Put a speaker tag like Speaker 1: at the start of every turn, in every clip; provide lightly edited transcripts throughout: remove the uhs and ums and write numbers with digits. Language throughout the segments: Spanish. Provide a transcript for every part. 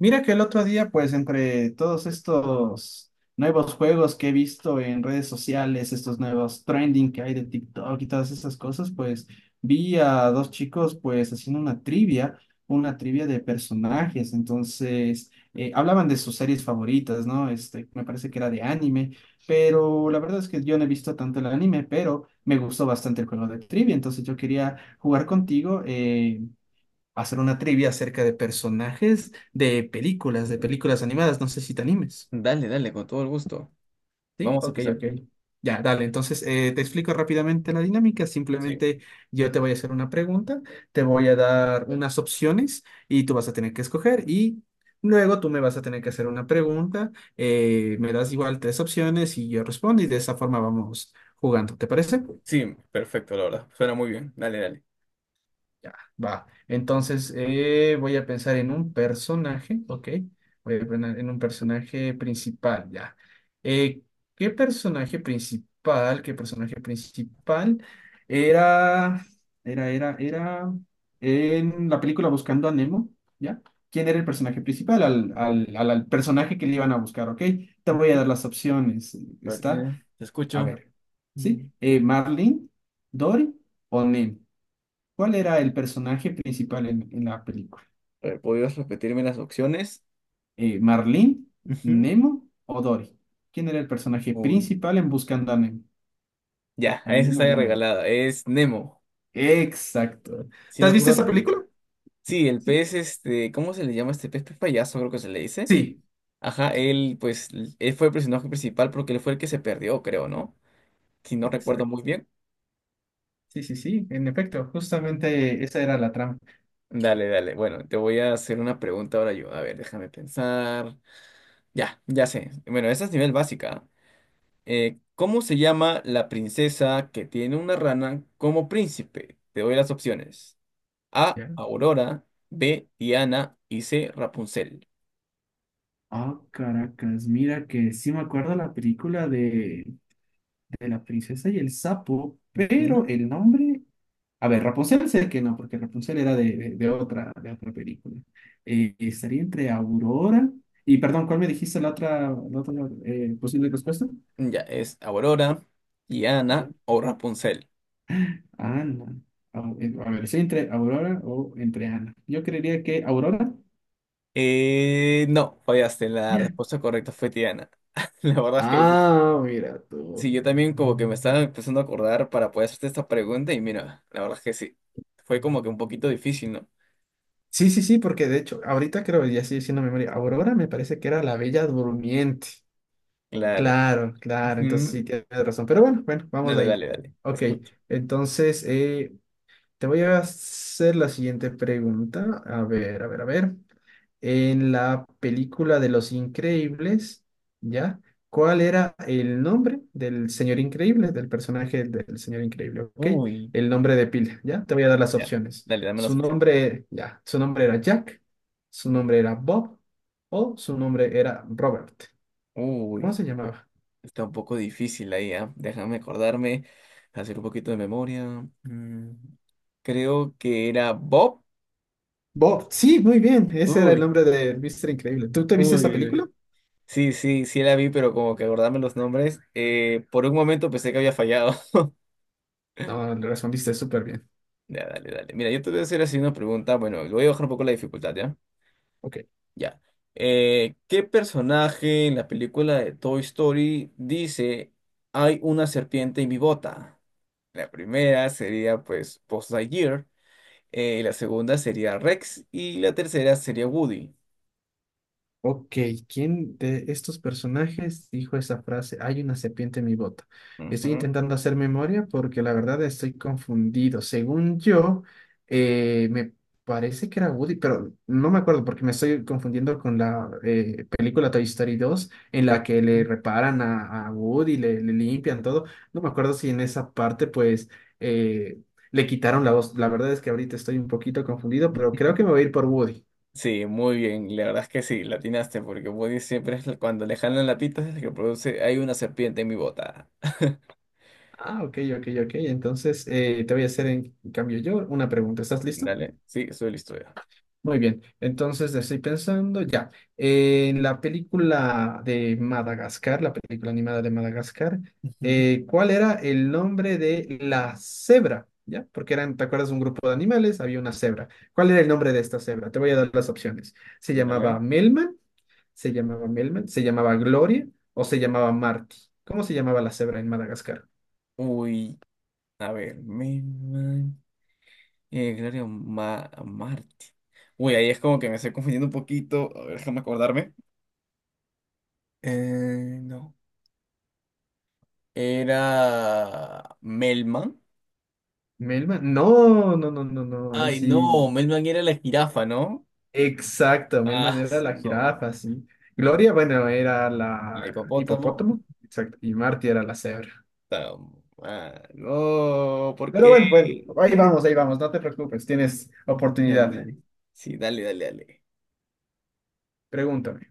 Speaker 1: Mira que el otro día, pues entre todos estos nuevos juegos que he visto en redes sociales, estos nuevos trending que hay de TikTok y todas esas cosas, pues vi a dos chicos pues haciendo una trivia de personajes. Entonces, hablaban de sus series favoritas, ¿no? Este, me parece que era de anime, pero la verdad es que yo no he visto tanto el anime, pero me gustó bastante el juego de trivia. Entonces yo quería jugar contigo, hacer una trivia acerca de personajes de películas animadas. No sé si te animes.
Speaker 2: Dale, dale, con todo el gusto.
Speaker 1: ¿Sí?
Speaker 2: Vamos a
Speaker 1: Ok,
Speaker 2: empezar.
Speaker 1: ok. Ya, dale. Entonces, te explico rápidamente la dinámica.
Speaker 2: Sí,
Speaker 1: Simplemente yo te voy a hacer una pregunta, te voy a dar unas opciones y tú vas a tener que escoger y luego tú me vas a tener que hacer una pregunta. Me das igual tres opciones y yo respondo y de esa forma vamos jugando. ¿Te parece?
Speaker 2: sí, perfecto, la verdad. Suena muy bien. Dale, dale.
Speaker 1: Ya, va. Entonces, voy a pensar en un personaje, ¿ok? Voy a pensar en un personaje principal, ya. Eh, ¿qué personaje principal era, era en la película Buscando a Nemo, ¿ya? ¿Quién era el personaje principal? Al personaje que le iban a buscar, ¿ok? Te voy a
Speaker 2: Sí.
Speaker 1: dar las opciones.
Speaker 2: A ver,
Speaker 1: Está,
Speaker 2: te
Speaker 1: a
Speaker 2: escucho.
Speaker 1: ver,
Speaker 2: Mm.
Speaker 1: ¿sí? Marlin, Dory o Nemo. ¿Cuál era el personaje principal en la película?
Speaker 2: A ver, ¿podrías repetirme las opciones?
Speaker 1: ¿Marlene,
Speaker 2: Ujú.
Speaker 1: Nemo o Dory? ¿Quién era el personaje
Speaker 2: Uy,
Speaker 1: principal en Buscando a Nemo?
Speaker 2: ya, a esa
Speaker 1: Adivina,
Speaker 2: está
Speaker 1: adivinador.
Speaker 2: regalada. Es Nemo.
Speaker 1: Exacto.
Speaker 2: Sí,
Speaker 1: ¿Te
Speaker 2: me
Speaker 1: has visto
Speaker 2: acuerdo
Speaker 1: esa
Speaker 2: que.
Speaker 1: película?
Speaker 2: Sí, el
Speaker 1: Sí.
Speaker 2: pez, este, ¿cómo se le llama este pez? Pez payaso, creo que se le dice.
Speaker 1: Sí,
Speaker 2: Ajá, él fue el personaje principal porque él fue el que se perdió, creo, ¿no? Si no recuerdo muy
Speaker 1: exacto.
Speaker 2: bien.
Speaker 1: Sí, sí, sí, en efecto, justamente esa era la trama.
Speaker 2: Dale, dale. Bueno, te voy a hacer una pregunta ahora yo. A ver, déjame pensar. Ya, ya sé. Bueno, esa es nivel básica, ¿ah? ¿cómo se llama la princesa que tiene una rana como príncipe? Te doy las opciones. A,
Speaker 1: ¿Ya?
Speaker 2: Aurora, B, Diana y C, Rapunzel.
Speaker 1: Ah, caracas, mira que sí me acuerdo la película de la princesa y el sapo, pero
Speaker 2: Ujú.
Speaker 1: el nombre A ver, Rapunzel sé que no, porque Rapunzel era de otra película. Estaría entre Aurora y, perdón, ¿cuál me dijiste la otra posible respuesta?
Speaker 2: Ya, es Aurora,
Speaker 1: Ya.
Speaker 2: Diana o Rapunzel.
Speaker 1: Ana. A ver, ¿estoy entre Aurora o entre Ana? Yo creería que Aurora.
Speaker 2: No, fallaste. La respuesta correcta fue Diana. La verdad es que yo-
Speaker 1: Ah, mira tú.
Speaker 2: sí, yo también como que me estaba empezando a acordar para poder hacerte esta pregunta y mira, la verdad es que sí. Fue como que un poquito difícil, ¿no?
Speaker 1: Sí, sí, sí, porque de hecho, ahorita creo, ya estoy haciendo memoria, Aurora me parece que era la Bella Durmiente.
Speaker 2: Claro.
Speaker 1: Claro, claro, entonces
Speaker 2: Ujú.
Speaker 1: sí, tienes razón. Pero bueno, bueno, vamos
Speaker 2: Dale,
Speaker 1: ahí.
Speaker 2: dale, dale. Te
Speaker 1: Ok,
Speaker 2: escucho.
Speaker 1: entonces, te voy a hacer la siguiente pregunta. A ver, a ver, a ver. En la película de Los Increíbles, ¿ya? ¿Cuál era el nombre del señor increíble, del personaje del señor increíble? ¿Ok?
Speaker 2: Uy,
Speaker 1: El nombre de pila, ¿ya? Te voy a dar las
Speaker 2: ya.
Speaker 1: opciones.
Speaker 2: Dale, dame las
Speaker 1: Su
Speaker 2: opciones.
Speaker 1: nombre, ya, su nombre era Jack, su nombre era Bob o su nombre era Robert. ¿Cómo
Speaker 2: Uy,
Speaker 1: se llamaba?
Speaker 2: está un poco difícil ahí, ¿ah? Déjame acordarme, hacer un poquito de memoria. Mm, creo que era Bob.
Speaker 1: Bob, sí, muy bien. Ese era el
Speaker 2: Uy,
Speaker 1: nombre de Mr. Increíble. ¿Tú te viste esa
Speaker 2: uy, uy.
Speaker 1: película?
Speaker 2: Sí, sí, sí la vi, pero como que acordarme los nombres. Por un momento pensé que había fallado.
Speaker 1: No, le respondiste súper bien.
Speaker 2: Ya, dale, dale. Mira, yo te voy a hacer así una pregunta. Bueno, le voy a bajar un poco la dificultad, ¿ya?
Speaker 1: Ok.
Speaker 2: Ya. ¿qué personaje en la película de Toy Story dice hay una serpiente en mi bota? La primera sería pues Buzz Lightyear, la segunda sería Rex y la tercera sería Woody.
Speaker 1: Ok, ¿quién de estos personajes dijo esa frase? Hay una serpiente en mi bota. Estoy
Speaker 2: Ujú.
Speaker 1: intentando hacer memoria porque la verdad estoy confundido. Según yo, me parece que era Woody, pero no me acuerdo porque me estoy confundiendo con la película Toy Story 2 en la que le reparan a Woody, le limpian todo. No me acuerdo si en esa parte pues eh, le quitaron la voz. La verdad es que ahorita estoy un poquito confundido, pero creo
Speaker 2: Ujú.
Speaker 1: que me voy a ir por Woody.
Speaker 2: Sí, muy bien, la verdad es que sí, la atinaste porque Woody siempre es la- cuando le jalan la pita es el que produce hay una serpiente en mi bota.
Speaker 1: Ah, ok, ok, ok. Entonces, te voy a hacer en cambio yo una pregunta. ¿Estás listo?
Speaker 2: Dale, sí, soy listo ya.
Speaker 1: Muy bien. Entonces, estoy pensando ya. En la película de Madagascar, la película animada de Madagascar,
Speaker 2: Ujú.
Speaker 1: ¿cuál era el nombre de la cebra? ¿Ya? Porque eran, ¿te acuerdas? Un grupo de animales, había una cebra. ¿Cuál era el nombre de esta cebra? Te voy a dar las opciones. ¿Se
Speaker 2: Dale.
Speaker 1: llamaba Melman? ¿Se llamaba Melman? ¿Se llamaba Gloria? ¿O se llamaba Marty? ¿Cómo se llamaba la cebra en Madagascar?
Speaker 2: Uy, a ver, me Gloria Ma- Marti. Uy, ahí es como que me estoy confundiendo un poquito. A ver, déjame acordarme. No. Era Melman.
Speaker 1: Melman, no, no, no, no, no, ahí
Speaker 2: Ay,
Speaker 1: sí,
Speaker 2: no, Melman era la jirafa, ¿no?
Speaker 1: exacto, Melman
Speaker 2: Ah,
Speaker 1: era
Speaker 2: eso
Speaker 1: la
Speaker 2: no.
Speaker 1: jirafa, sí. Gloria, bueno, era
Speaker 2: El
Speaker 1: la
Speaker 2: hipopótamo.
Speaker 1: hipopótamo, exacto, y Marty era la cebra.
Speaker 2: Está mal. No, ¿por
Speaker 1: Pero
Speaker 2: qué?
Speaker 1: bueno, bueno, ahí vamos, no te preocupes, tienes
Speaker 2: Ya,
Speaker 1: oportunidad.
Speaker 2: madre. Sí, dale, dale, dale.
Speaker 1: Pregúntame.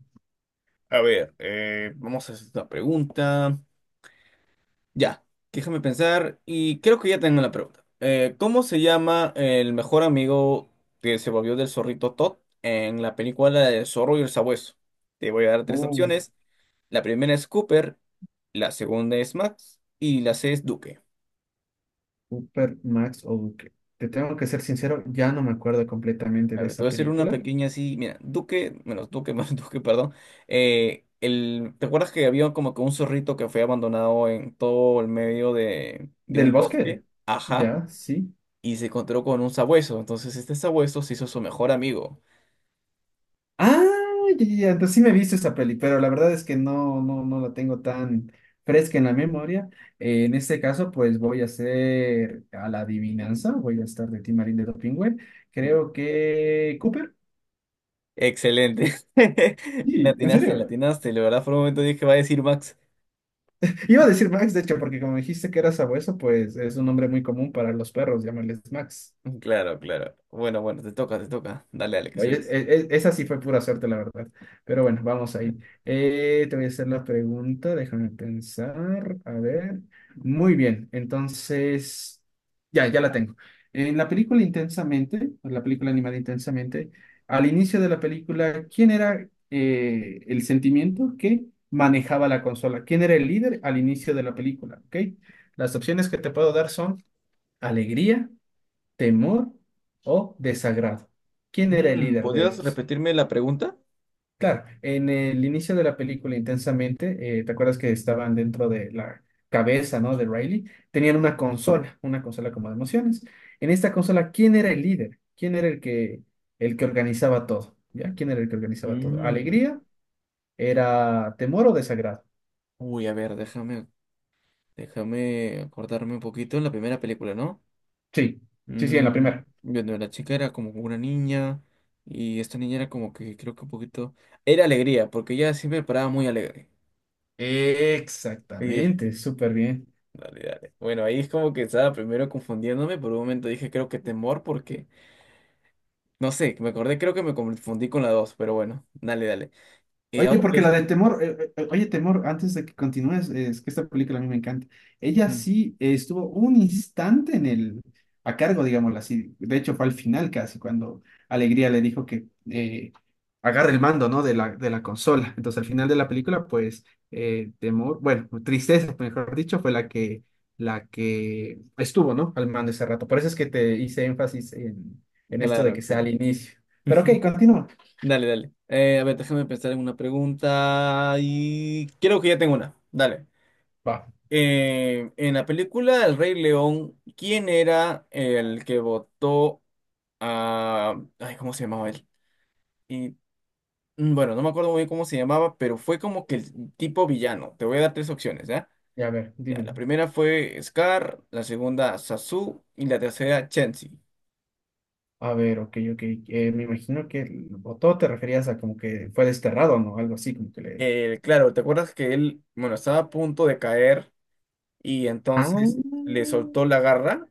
Speaker 2: A ver, vamos a hacer esta pregunta. Ya, déjame pensar y creo que ya tengo la pregunta. ¿cómo se llama el mejor amigo que se volvió del zorrito Todd en la película de Zorro y el Sabueso? Te voy a dar tres
Speaker 1: Uh,
Speaker 2: opciones. La primera es Cooper, la segunda es Max y la C es Duque.
Speaker 1: Super Max o Duque. Te tengo que ser sincero, ya no me acuerdo completamente
Speaker 2: A
Speaker 1: de
Speaker 2: ver, te
Speaker 1: esa
Speaker 2: voy a hacer una
Speaker 1: película.
Speaker 2: pequeña así. Mira, Duque, menos Duque, menos Duque, perdón. ¿Te acuerdas que había como que un zorrito que fue abandonado en todo el medio de
Speaker 1: ¿Del
Speaker 2: un
Speaker 1: bosque?
Speaker 2: bosque? Ajá,
Speaker 1: Ya, sí.
Speaker 2: y se encontró con un sabueso. Entonces este sabueso se hizo su mejor amigo.
Speaker 1: Ah, ya, ya, ya, entonces sí me he visto esa peli, pero la verdad es que no, no, no la tengo tan fresca en la memoria. En este caso, pues voy a hacer a la adivinanza, voy a estar de Tim Timarín de Dopingüe.
Speaker 2: Mm.
Speaker 1: Creo que Cooper.
Speaker 2: Excelente. Le
Speaker 1: Sí, ¿en
Speaker 2: atinaste, le
Speaker 1: serio?
Speaker 2: atinaste. La verdad, por un momento dije, va a decir Max.
Speaker 1: Iba a decir Max, de hecho, porque como dijiste que era sabueso, pues es un nombre muy común para los perros, llámales Max.
Speaker 2: Claro, claro. Bueno, bueno, te toca, te toca. Dale, dale, que
Speaker 1: Oye,
Speaker 2: soy.
Speaker 1: esa sí fue pura suerte, la verdad. Pero bueno, vamos ahí. Te voy a hacer la pregunta, déjame pensar. A ver. Muy bien, entonces, ya, ya la tengo. En la película Intensamente, o la película animada Intensamente, al inicio de la película, ¿quién era el sentimiento que manejaba la consola? ¿Quién era el líder al inicio de la película? ¿Ok? Las opciones que te puedo dar son alegría, temor o desagrado. ¿Quién era el
Speaker 2: Mm,
Speaker 1: líder de
Speaker 2: ¿podrías
Speaker 1: ellos?
Speaker 2: repetirme la pregunta?
Speaker 1: Claro, en el inicio de la película intensamente, ¿te acuerdas que estaban dentro de la cabeza, ¿no? De Riley, tenían una consola como de emociones. En esta consola, ¿quién era el líder? ¿Quién era el que organizaba todo? ¿Ya? ¿Quién era el que organizaba todo?
Speaker 2: Mm.
Speaker 1: ¿Alegría? ¿Era temor o desagrado?
Speaker 2: Uy, a ver, déjame acordarme un poquito en la primera película, ¿no?
Speaker 1: Sí, sí, sí, en la
Speaker 2: Mm,
Speaker 1: primera.
Speaker 2: bueno, la chica era como una niña y esta niña era como que creo que un poquito… Era alegría, porque ella siempre paraba muy alegre.
Speaker 1: Exactamente, súper bien.
Speaker 2: Dale, dale. Bueno, ahí es como que estaba primero confundiéndome. Por un momento dije, creo que temor, porque no sé, me acordé, creo que me confundí con la dos, pero bueno, dale, dale. Y
Speaker 1: Oye,
Speaker 2: ahora te
Speaker 1: porque
Speaker 2: voy
Speaker 1: la de
Speaker 2: un-
Speaker 1: Temor, oye, Temor, antes de que continúes, es que esta película a mí me encanta. Ella
Speaker 2: Mm,
Speaker 1: sí estuvo un instante en el, a cargo, digámoslo así. De hecho, fue al final casi, cuando Alegría le dijo que agarre el mando, ¿no? De la consola. Entonces, al final de la película, pues, Temor, bueno, Tristeza, mejor dicho, fue la que estuvo, ¿no? Al mando ese rato. Por eso es que te hice énfasis en esto de
Speaker 2: claro,
Speaker 1: que sea al
Speaker 2: claro.
Speaker 1: inicio. Pero ok, continúa.
Speaker 2: Dale, dale. A ver, déjame pensar en una pregunta. Y creo que ya tengo una. Dale.
Speaker 1: Va,
Speaker 2: En la película El Rey León, ¿quién era el que votó a. Ay, ¿cómo se llamaba él? Mm, bueno, no me acuerdo muy bien cómo se llamaba, pero fue como que el tipo villano. Te voy a dar tres opciones, ¿ya?
Speaker 1: ya a ver,
Speaker 2: Ya, la
Speaker 1: dime.
Speaker 2: primera fue Scar, la segunda Sasu y la tercera Chenzi.
Speaker 1: A ver, ok, ok. Me imagino que el botó te referías a como que fue desterrado, ¿no? Algo así, como que le...
Speaker 2: Claro, ¿te acuerdas que él, bueno, estaba a punto de caer y
Speaker 1: Ah,
Speaker 2: entonces le soltó la garra?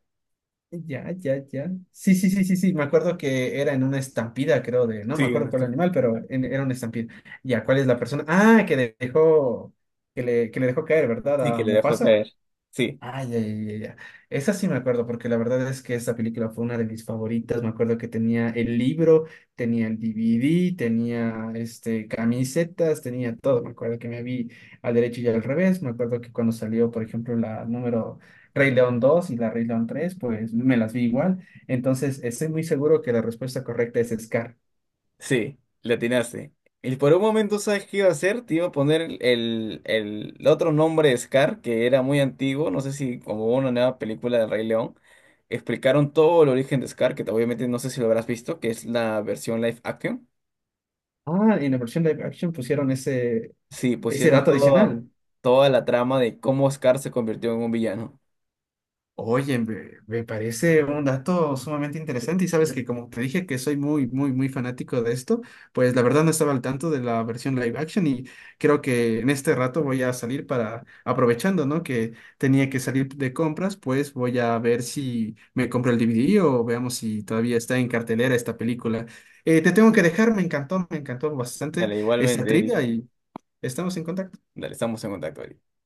Speaker 1: ya, ya, ya. Sí, sí, sí, sí, sí. Me acuerdo que era en una estampida, creo, de... No
Speaker 2: Sí,
Speaker 1: me
Speaker 2: en
Speaker 1: acuerdo cuál
Speaker 2: este-
Speaker 1: animal, pero era una estampida. Ya, ¿cuál es la persona? Ah, que le dejó... Que le dejó caer,
Speaker 2: Sí,
Speaker 1: ¿verdad? A
Speaker 2: que le dejó
Speaker 1: Mufasa.
Speaker 2: caer. Sí.
Speaker 1: Ah, ya, ya, ya, ya. Esa sí me acuerdo, porque la verdad es que esa película fue una de mis favoritas. Me acuerdo que tenía el libro, tenía el DVD, tenía este, camisetas, tenía todo. Me acuerdo que me vi al derecho y al revés. Me acuerdo que cuando salió, por ejemplo, la número Rey León 2 y la Rey León 3, pues me las vi igual. Entonces, estoy muy seguro que la respuesta correcta es Scar.
Speaker 2: Sí, le atinaste. Y por un momento, ¿sabes qué iba a hacer? Te iba a poner el otro nombre de Scar, que era muy antiguo, no sé si como hubo una nueva película de Rey León, explicaron todo el origen de Scar, que obviamente no sé si lo habrás visto, que es la versión live action.
Speaker 1: Ah, en la versión live action pusieron ese,
Speaker 2: Sí,
Speaker 1: ese
Speaker 2: pusieron
Speaker 1: dato
Speaker 2: toda,
Speaker 1: adicional.
Speaker 2: toda la trama de cómo Scar se convirtió en un villano.
Speaker 1: Oye, me parece un dato sumamente interesante y sabes que como te dije que soy muy, muy, muy fanático de esto, pues la verdad no estaba al tanto de la versión live action y creo que en este rato voy a salir para, aprovechando, ¿no? Que tenía que salir de compras, pues voy a ver si me compro el DVD o veamos si todavía está en cartelera esta película. Te tengo que dejar, me encantó bastante
Speaker 2: Dale,
Speaker 1: esta
Speaker 2: igualmente, Eric.
Speaker 1: trivia y estamos en contacto.
Speaker 2: Dale, estamos en contacto, Eric.